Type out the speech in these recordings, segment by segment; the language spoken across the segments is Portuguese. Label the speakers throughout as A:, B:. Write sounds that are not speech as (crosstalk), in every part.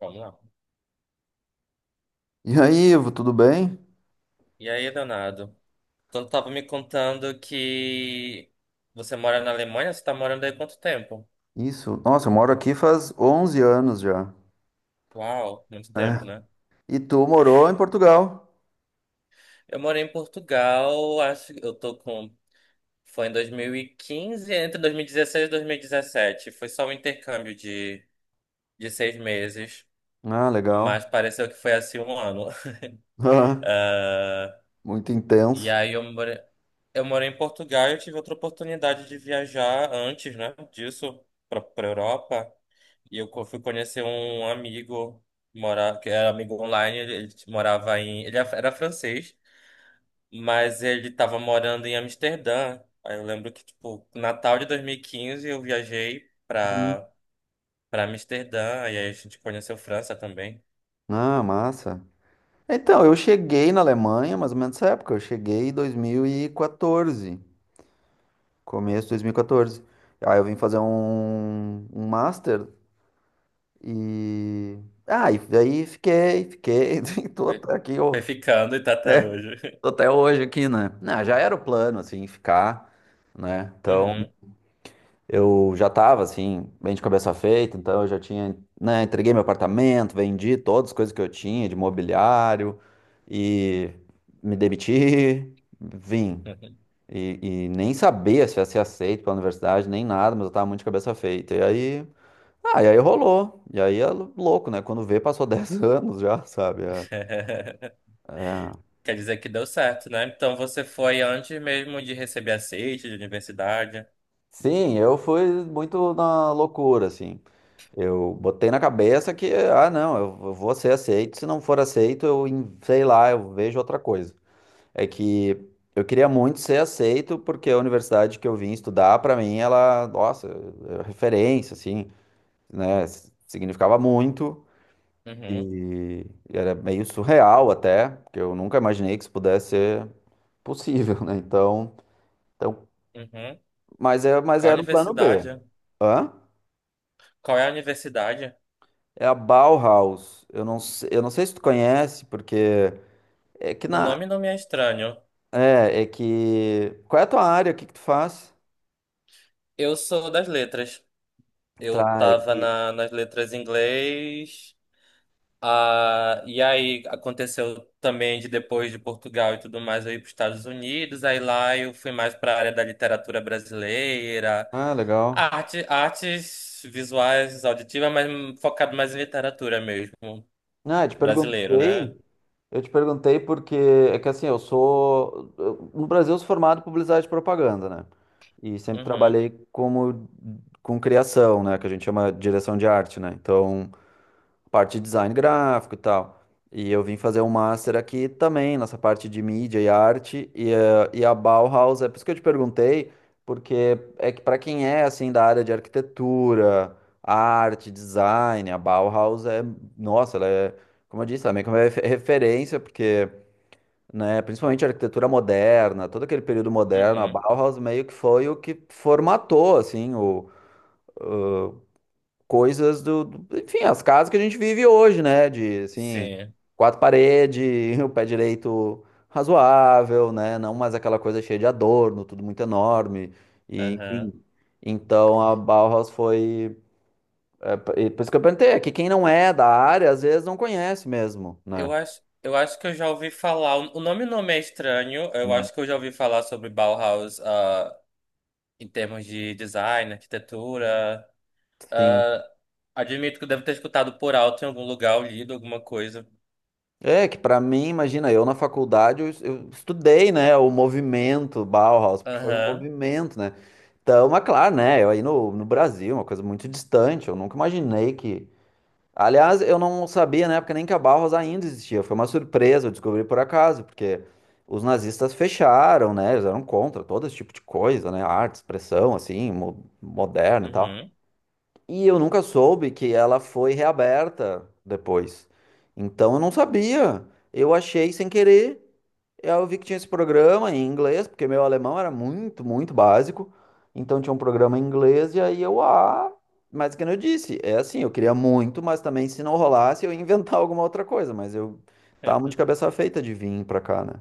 A: Vamos lá.
B: E aí, Ivo, tudo bem?
A: E aí, Leonardo? Então, tu tava me contando que você mora na Alemanha, você tá morando aí há quanto tempo?
B: Isso. Nossa, eu moro aqui faz 11 anos já.
A: Uau, muito
B: É.
A: tempo, né?
B: E tu morou em Portugal?
A: Eu morei em Portugal, acho que eu tô com. Foi em 2015, entre 2016 e 2017. Foi só um intercâmbio de 6 meses,
B: Ah, legal.
A: mas pareceu que foi assim um ano. (laughs)
B: (laughs) Ah, muito
A: E
B: intenso.
A: aí eu morei em Portugal e eu tive outra oportunidade de viajar antes, né, disso, pra Europa. E eu fui conhecer um amigo, mora, que era amigo online, ele morava em. Era francês, mas ele estava morando em Amsterdã. Aí eu lembro que, tipo, Natal de 2015 eu viajei
B: Hum.
A: pra, pra Amsterdã, e aí a gente conheceu França também.
B: Ah, massa. Então, eu cheguei na Alemanha, mais ou menos nessa época. Eu cheguei em 2014, começo de 2014. Aí eu vim fazer um master e... Ah, e daí fiquei, fiquei, (laughs) tô
A: Foi,
B: até aqui,
A: foi
B: ó.
A: ficando e tá até hoje.
B: Tô
A: (laughs)
B: até hoje aqui, né? Não, já era o plano, assim, ficar, né? Então,
A: Uhum.
B: eu já tava, assim, bem de cabeça feita, então eu já tinha, né, entreguei meu apartamento, vendi todas as coisas que eu tinha de mobiliário e me demiti, vim.
A: Uhum.
B: E nem sabia se ia ser aceito pela universidade, nem nada, mas eu tava muito de cabeça feita. E aí, ah, e aí rolou. E aí é louco, né? Quando vê, passou 10 (laughs) anos já, sabe? É.
A: (laughs)
B: É.
A: Quer dizer que deu certo, né? Então você foi antes mesmo de receber aceite de universidade.
B: Sim, eu fui muito na loucura, assim. Eu botei na cabeça que, ah, não, eu vou ser aceito. Se não for aceito, eu, sei lá, eu vejo outra coisa. É que eu queria muito ser aceito, porque a universidade que eu vim estudar, pra mim, ela, nossa, é referência, assim, né? Significava muito
A: Uhum,
B: e era meio surreal até, porque eu nunca imaginei que isso pudesse ser possível, né? Então,
A: uhum.
B: mas, é, mas
A: Qual
B: era um plano B.
A: universidade?
B: Hã?
A: Qual é a universidade?
B: É a Bauhaus. Eu não sei se tu conhece, porque. É que
A: O
B: na.
A: nome não me é estranho.
B: É que. Qual é a tua área? O que que tu faz?
A: Eu sou das letras. Eu
B: Tá, é
A: tava
B: que.
A: na, nas letras em inglês. Ah, e aí aconteceu também de depois de Portugal e tudo mais, eu ir para os Estados Unidos. Aí lá eu fui mais para a área da literatura brasileira,
B: Ah, legal.
A: arte, artes visuais, auditivas, mas focado mais em literatura mesmo,
B: Ah, eu te
A: brasileiro, né?
B: perguntei. Eu te perguntei porque é que assim, no Brasil, eu sou formado em publicidade e propaganda, né? E sempre
A: Uhum,
B: trabalhei como com criação, né? Que a gente chama de direção de arte, né? Então. Parte de design gráfico e tal. E eu vim fazer um master aqui também, nessa parte de mídia e arte, e, eh, e a Bauhaus, é por isso que eu te perguntei, porque é que para quem é assim da área de arquitetura, arte, design, a Bauhaus é, nossa, ela é, como eu disse, ela é meio que uma referência, porque, né, principalmente a arquitetura moderna, todo aquele período moderno, a
A: uhum,
B: Bauhaus meio que foi o que formatou, assim, o, coisas enfim, as casas que a gente vive hoje, né? De, assim,
A: sim.
B: quatro paredes, (laughs) o pé direito razoável, né? Não mais aquela coisa cheia de adorno, tudo muito enorme, e, enfim. Então a Bauhaus foi. É, e por isso que eu perguntei, é que quem não é da área às vezes não conhece mesmo, né?
A: Eu acho que eu já ouvi falar. O nome não me é estranho. Eu
B: Hum.
A: acho que eu já ouvi falar sobre Bauhaus, ah, em termos de design, arquitetura.
B: Sim.
A: Ah, admito que eu devo ter escutado por alto em algum lugar, ou lido alguma coisa.
B: É que pra mim, imagina, eu na faculdade eu estudei, né, o movimento Bauhaus, porque foi um
A: Aham,
B: movimento, né? Então, mas claro, né, eu aí no, no Brasil, uma coisa muito distante, eu nunca imaginei que. Aliás, eu não sabia na época nem que a Bauhaus ainda existia, foi uma surpresa, eu descobri por acaso, porque os nazistas fecharam, né, eles eram contra todo esse tipo de coisa, né, arte, expressão, assim, mo moderna e tal.
A: uhum.
B: E eu nunca soube que ela foi reaberta depois. Então eu não sabia. Eu achei sem querer. Eu vi que tinha esse programa em inglês, porque meu alemão era muito, muito básico. Então tinha um programa em inglês, e aí eu, ah, mas que nem eu disse, é assim, eu queria muito, mas também se não rolasse, eu ia inventar (laughs) alguma outra coisa. Mas eu tava muito
A: (laughs)
B: de cabeça feita de vir pra cá, né?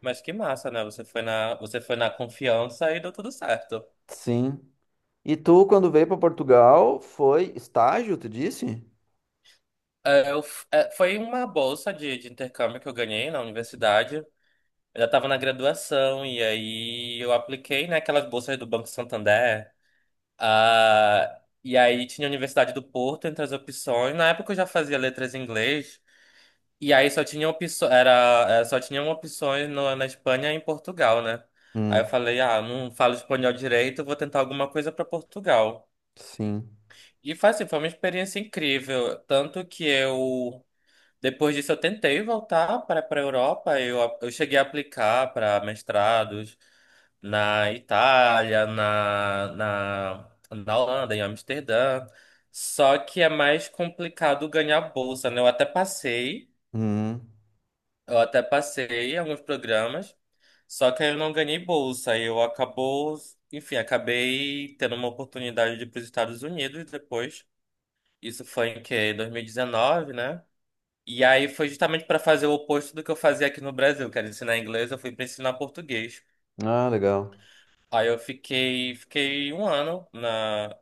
A: Mas que massa, né? Você foi na confiança e deu tudo certo.
B: Sim. E tu, quando veio pra Portugal, foi estágio, tu disse?
A: É, eu é, foi uma bolsa de intercâmbio que eu ganhei na universidade. Eu já estava na graduação e aí eu apliquei, né, aquelas bolsas do Banco Santander. Ah, e aí tinha a Universidade do Porto entre as opções. Na época eu já fazia letras em inglês. E aí só tinha opções, era, só tinham opções na Espanha e em Portugal, né? Aí
B: Hum,
A: eu falei, ah, não falo espanhol direito, vou tentar alguma coisa para Portugal.
B: sim.
A: E foi assim, foi uma experiência incrível, tanto que eu depois disso, eu tentei voltar para a Europa. Eu cheguei a aplicar para mestrados na Itália, na Holanda, em Amsterdã. Só que é mais complicado ganhar bolsa, né?
B: Hum.
A: Eu até passei em alguns programas, só que aí eu não ganhei bolsa. Eu acabou, enfim, acabei tendo uma oportunidade de ir para os Estados Unidos depois. Isso foi em que? 2019, né? E aí foi justamente para fazer o oposto do que eu fazia aqui no Brasil, que era ensinar inglês, eu fui para ensinar português.
B: Ah, legal.
A: Aí eu fiquei, fiquei um ano na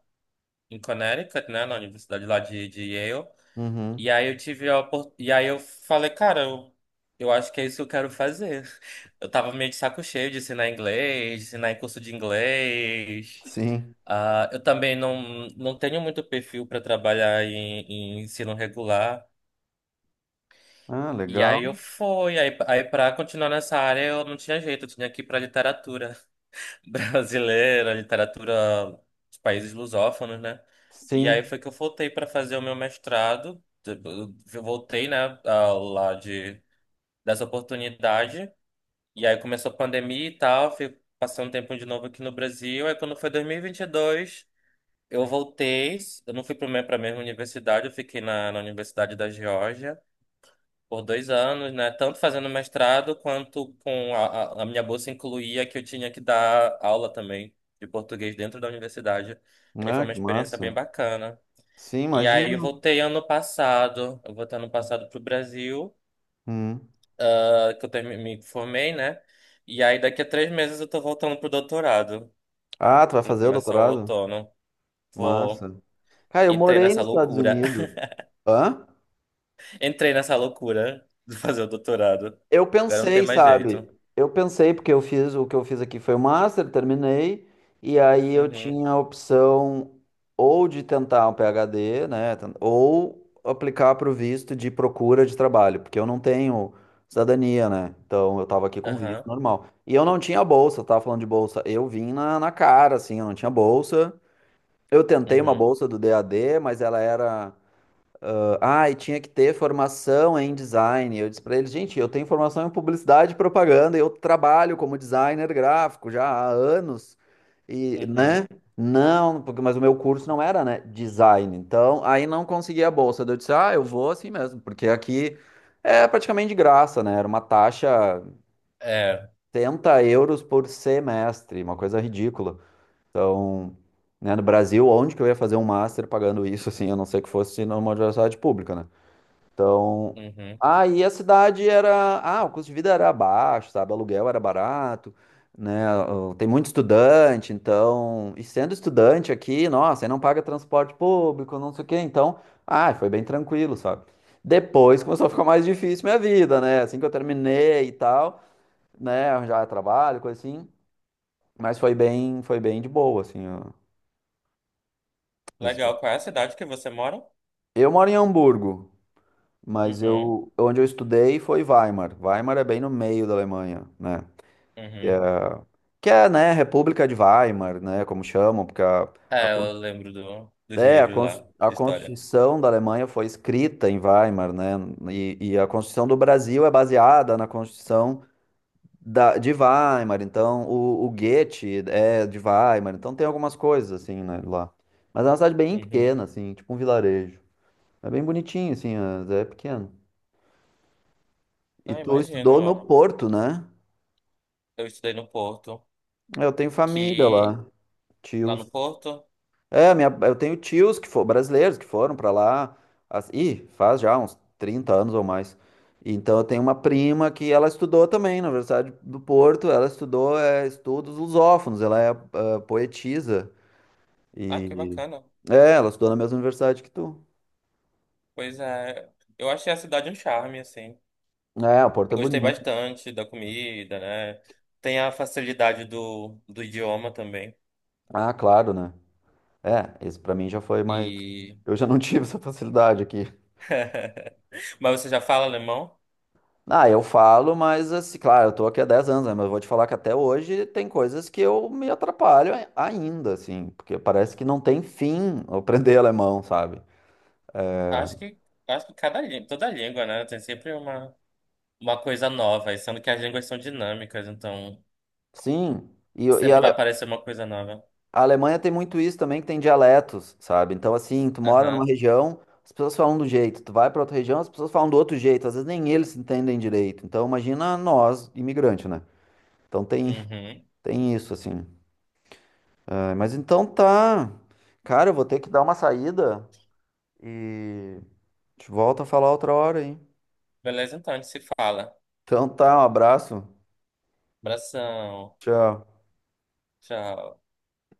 A: em Connecticut, né, na universidade lá de Yale.
B: Uhum.
A: E aí eu tive a e aí eu falei, cara, eu acho que é isso que eu quero fazer. (laughs) Eu tava meio de saco cheio de ensinar inglês, de ensinar em curso de inglês.
B: Sim.
A: Ah, eu também não tenho muito perfil para trabalhar em, em ensino regular.
B: Ah,
A: E aí
B: legal.
A: eu fui, aí para continuar nessa área eu não tinha jeito, eu tinha que ir para literatura (laughs) brasileira, literatura dos países lusófonos, né? E aí
B: Sim.
A: foi que eu voltei para fazer o meu mestrado, eu voltei, né, ah, lá de dessa oportunidade, e aí começou a pandemia e tal, fui passando um tempo de novo aqui no Brasil, aí quando foi 2022, eu voltei, eu não fui para a mesma universidade, eu fiquei na Universidade da Geórgia, por 2 anos, né? Tanto fazendo mestrado quanto com a minha bolsa incluía que eu tinha que dar aula também de português dentro da universidade. Aí foi
B: Ah,
A: uma
B: que
A: experiência
B: massa.
A: bem bacana.
B: Sim,
A: E aí eu
B: imagino.
A: voltei ano passado, eu voltei ano passado pro Brasil,
B: Hum.
A: ah, que eu me formei, né? E aí daqui a 3 meses eu tô voltando pro doutorado,
B: Ah, tu vai
A: no
B: fazer o
A: começo do
B: doutorado?
A: outono. Vou,
B: Massa. Cara, eu
A: entrei
B: morei
A: nessa
B: nos Estados
A: loucura,
B: Unidos. Hã?
A: (laughs) entrei nessa loucura de fazer o doutorado.
B: Eu
A: Agora não tem
B: pensei,
A: mais
B: sabe?
A: jeito.
B: Eu pensei, porque eu fiz o que eu fiz aqui foi o master, terminei, e aí eu
A: Uhum,
B: tinha a opção ou de tentar um PhD, né? Ou aplicar para o visto de procura de trabalho, porque eu não tenho cidadania, né? Então eu tava aqui com visto
A: aham.
B: normal. E eu não tinha bolsa, eu tava falando de bolsa. Eu vim na, na cara, assim, eu não tinha bolsa. Eu tentei uma
A: Uhum.
B: bolsa do DAD, mas ela era. Ah, e tinha que ter formação em design. Eu disse para eles, gente, eu tenho formação em publicidade e propaganda, eu trabalho como designer gráfico já há anos. E, né?
A: Uhum.
B: Não, porque mas o meu curso não era, né, design. Então, aí não conseguia a bolsa. Daí eu disse: "Ah, eu vou assim mesmo", porque aqui é praticamente de graça, né? Era uma taxa
A: É.
B: 70 € por semestre, uma coisa ridícula. Então, né, no Brasil, onde que eu ia fazer um master pagando isso assim, a não ser que fosse numa universidade pública, né? Então,
A: Uhum.
B: aí a cidade era, ah, o custo de vida era baixo, sabe? O aluguel era barato, né? Tem muito estudante, então, e sendo estudante aqui, nossa, aí não paga transporte público, não sei o quê, então, ah, foi bem tranquilo, sabe? Depois começou a ficar mais difícil minha vida, né? Assim que eu terminei e tal, né, arranjar trabalho, coisa assim, mas foi bem de boa, assim, ó. Isso.
A: Legal. Qual é a cidade que você mora?
B: Eu moro em Hamburgo. Mas
A: Uhum.
B: eu, onde eu estudei foi Weimar. Weimar é bem no meio da Alemanha, né?
A: Uhum.
B: Que é, né, República de Weimar, né, como chamam, porque a,
A: É,
B: con-
A: eu lembro dos
B: é, a,
A: livros lá,
B: cons- a
A: de história.
B: Constituição da Alemanha foi escrita em Weimar, né? E a Constituição do Brasil é baseada na Constituição da, de Weimar, então o Goethe é de Weimar, então tem algumas coisas, assim, né, lá. Mas é uma cidade bem
A: Uhum.
B: pequena, assim, tipo um vilarejo. É bem bonitinho, assim, é é pequeno. E
A: Não,
B: tu
A: imagino,
B: estudou no
A: ó.
B: Porto, né?
A: Eu estudei no Porto,
B: Eu tenho família
A: que...
B: lá,
A: Lá
B: tios.
A: no Porto...
B: É, minha, eu tenho tios que foram brasileiros que foram pra lá. Ih, faz já uns 30 anos ou mais. Então eu tenho uma prima que ela estudou também na Universidade do Porto. Ela estudou é, estudos lusófonos. Ela é ah, poetisa
A: Ah, que
B: e
A: bacana.
B: é, ela estudou na mesma universidade que tu.
A: Pois é. Eu achei a cidade um charme, assim.
B: É, o Porto
A: Eu
B: é
A: gostei
B: bonito.
A: bastante da comida, né? Tem a facilidade do idioma também.
B: Ah, claro, né? É, isso pra mim já foi mais.
A: E...
B: Eu já não tive (laughs) essa facilidade aqui.
A: (laughs) Mas você já fala alemão?
B: Ah, eu falo, mas assim, claro, eu tô aqui há 10 anos, né? Mas eu vou te falar que até hoje tem coisas que eu me atrapalho ainda, assim, porque parece que não tem fim (laughs) eu aprender alemão, sabe?
A: Acho que... Acho que cada língua, toda língua, né? Tem sempre uma coisa nova, e sendo que as línguas são dinâmicas, então
B: Sim, e a
A: sempre vai
B: Ale-
A: aparecer uma coisa nova.
B: a Alemanha tem muito isso também, que tem dialetos, sabe? Então, assim, tu mora numa
A: Aham.
B: região, as pessoas falam de um jeito, tu vai pra outra região, as pessoas falam do outro jeito, às vezes nem eles se entendem direito. Então, imagina nós, imigrante, né? Então tem,
A: Uhum.
B: tem isso, assim. Ah, mas então tá. Cara, eu vou ter que dar uma saída. E a gente volta a falar outra hora, hein?
A: Beleza, então a gente se fala.
B: Então tá, um abraço.
A: Abração.
B: Tchau.
A: Tchau.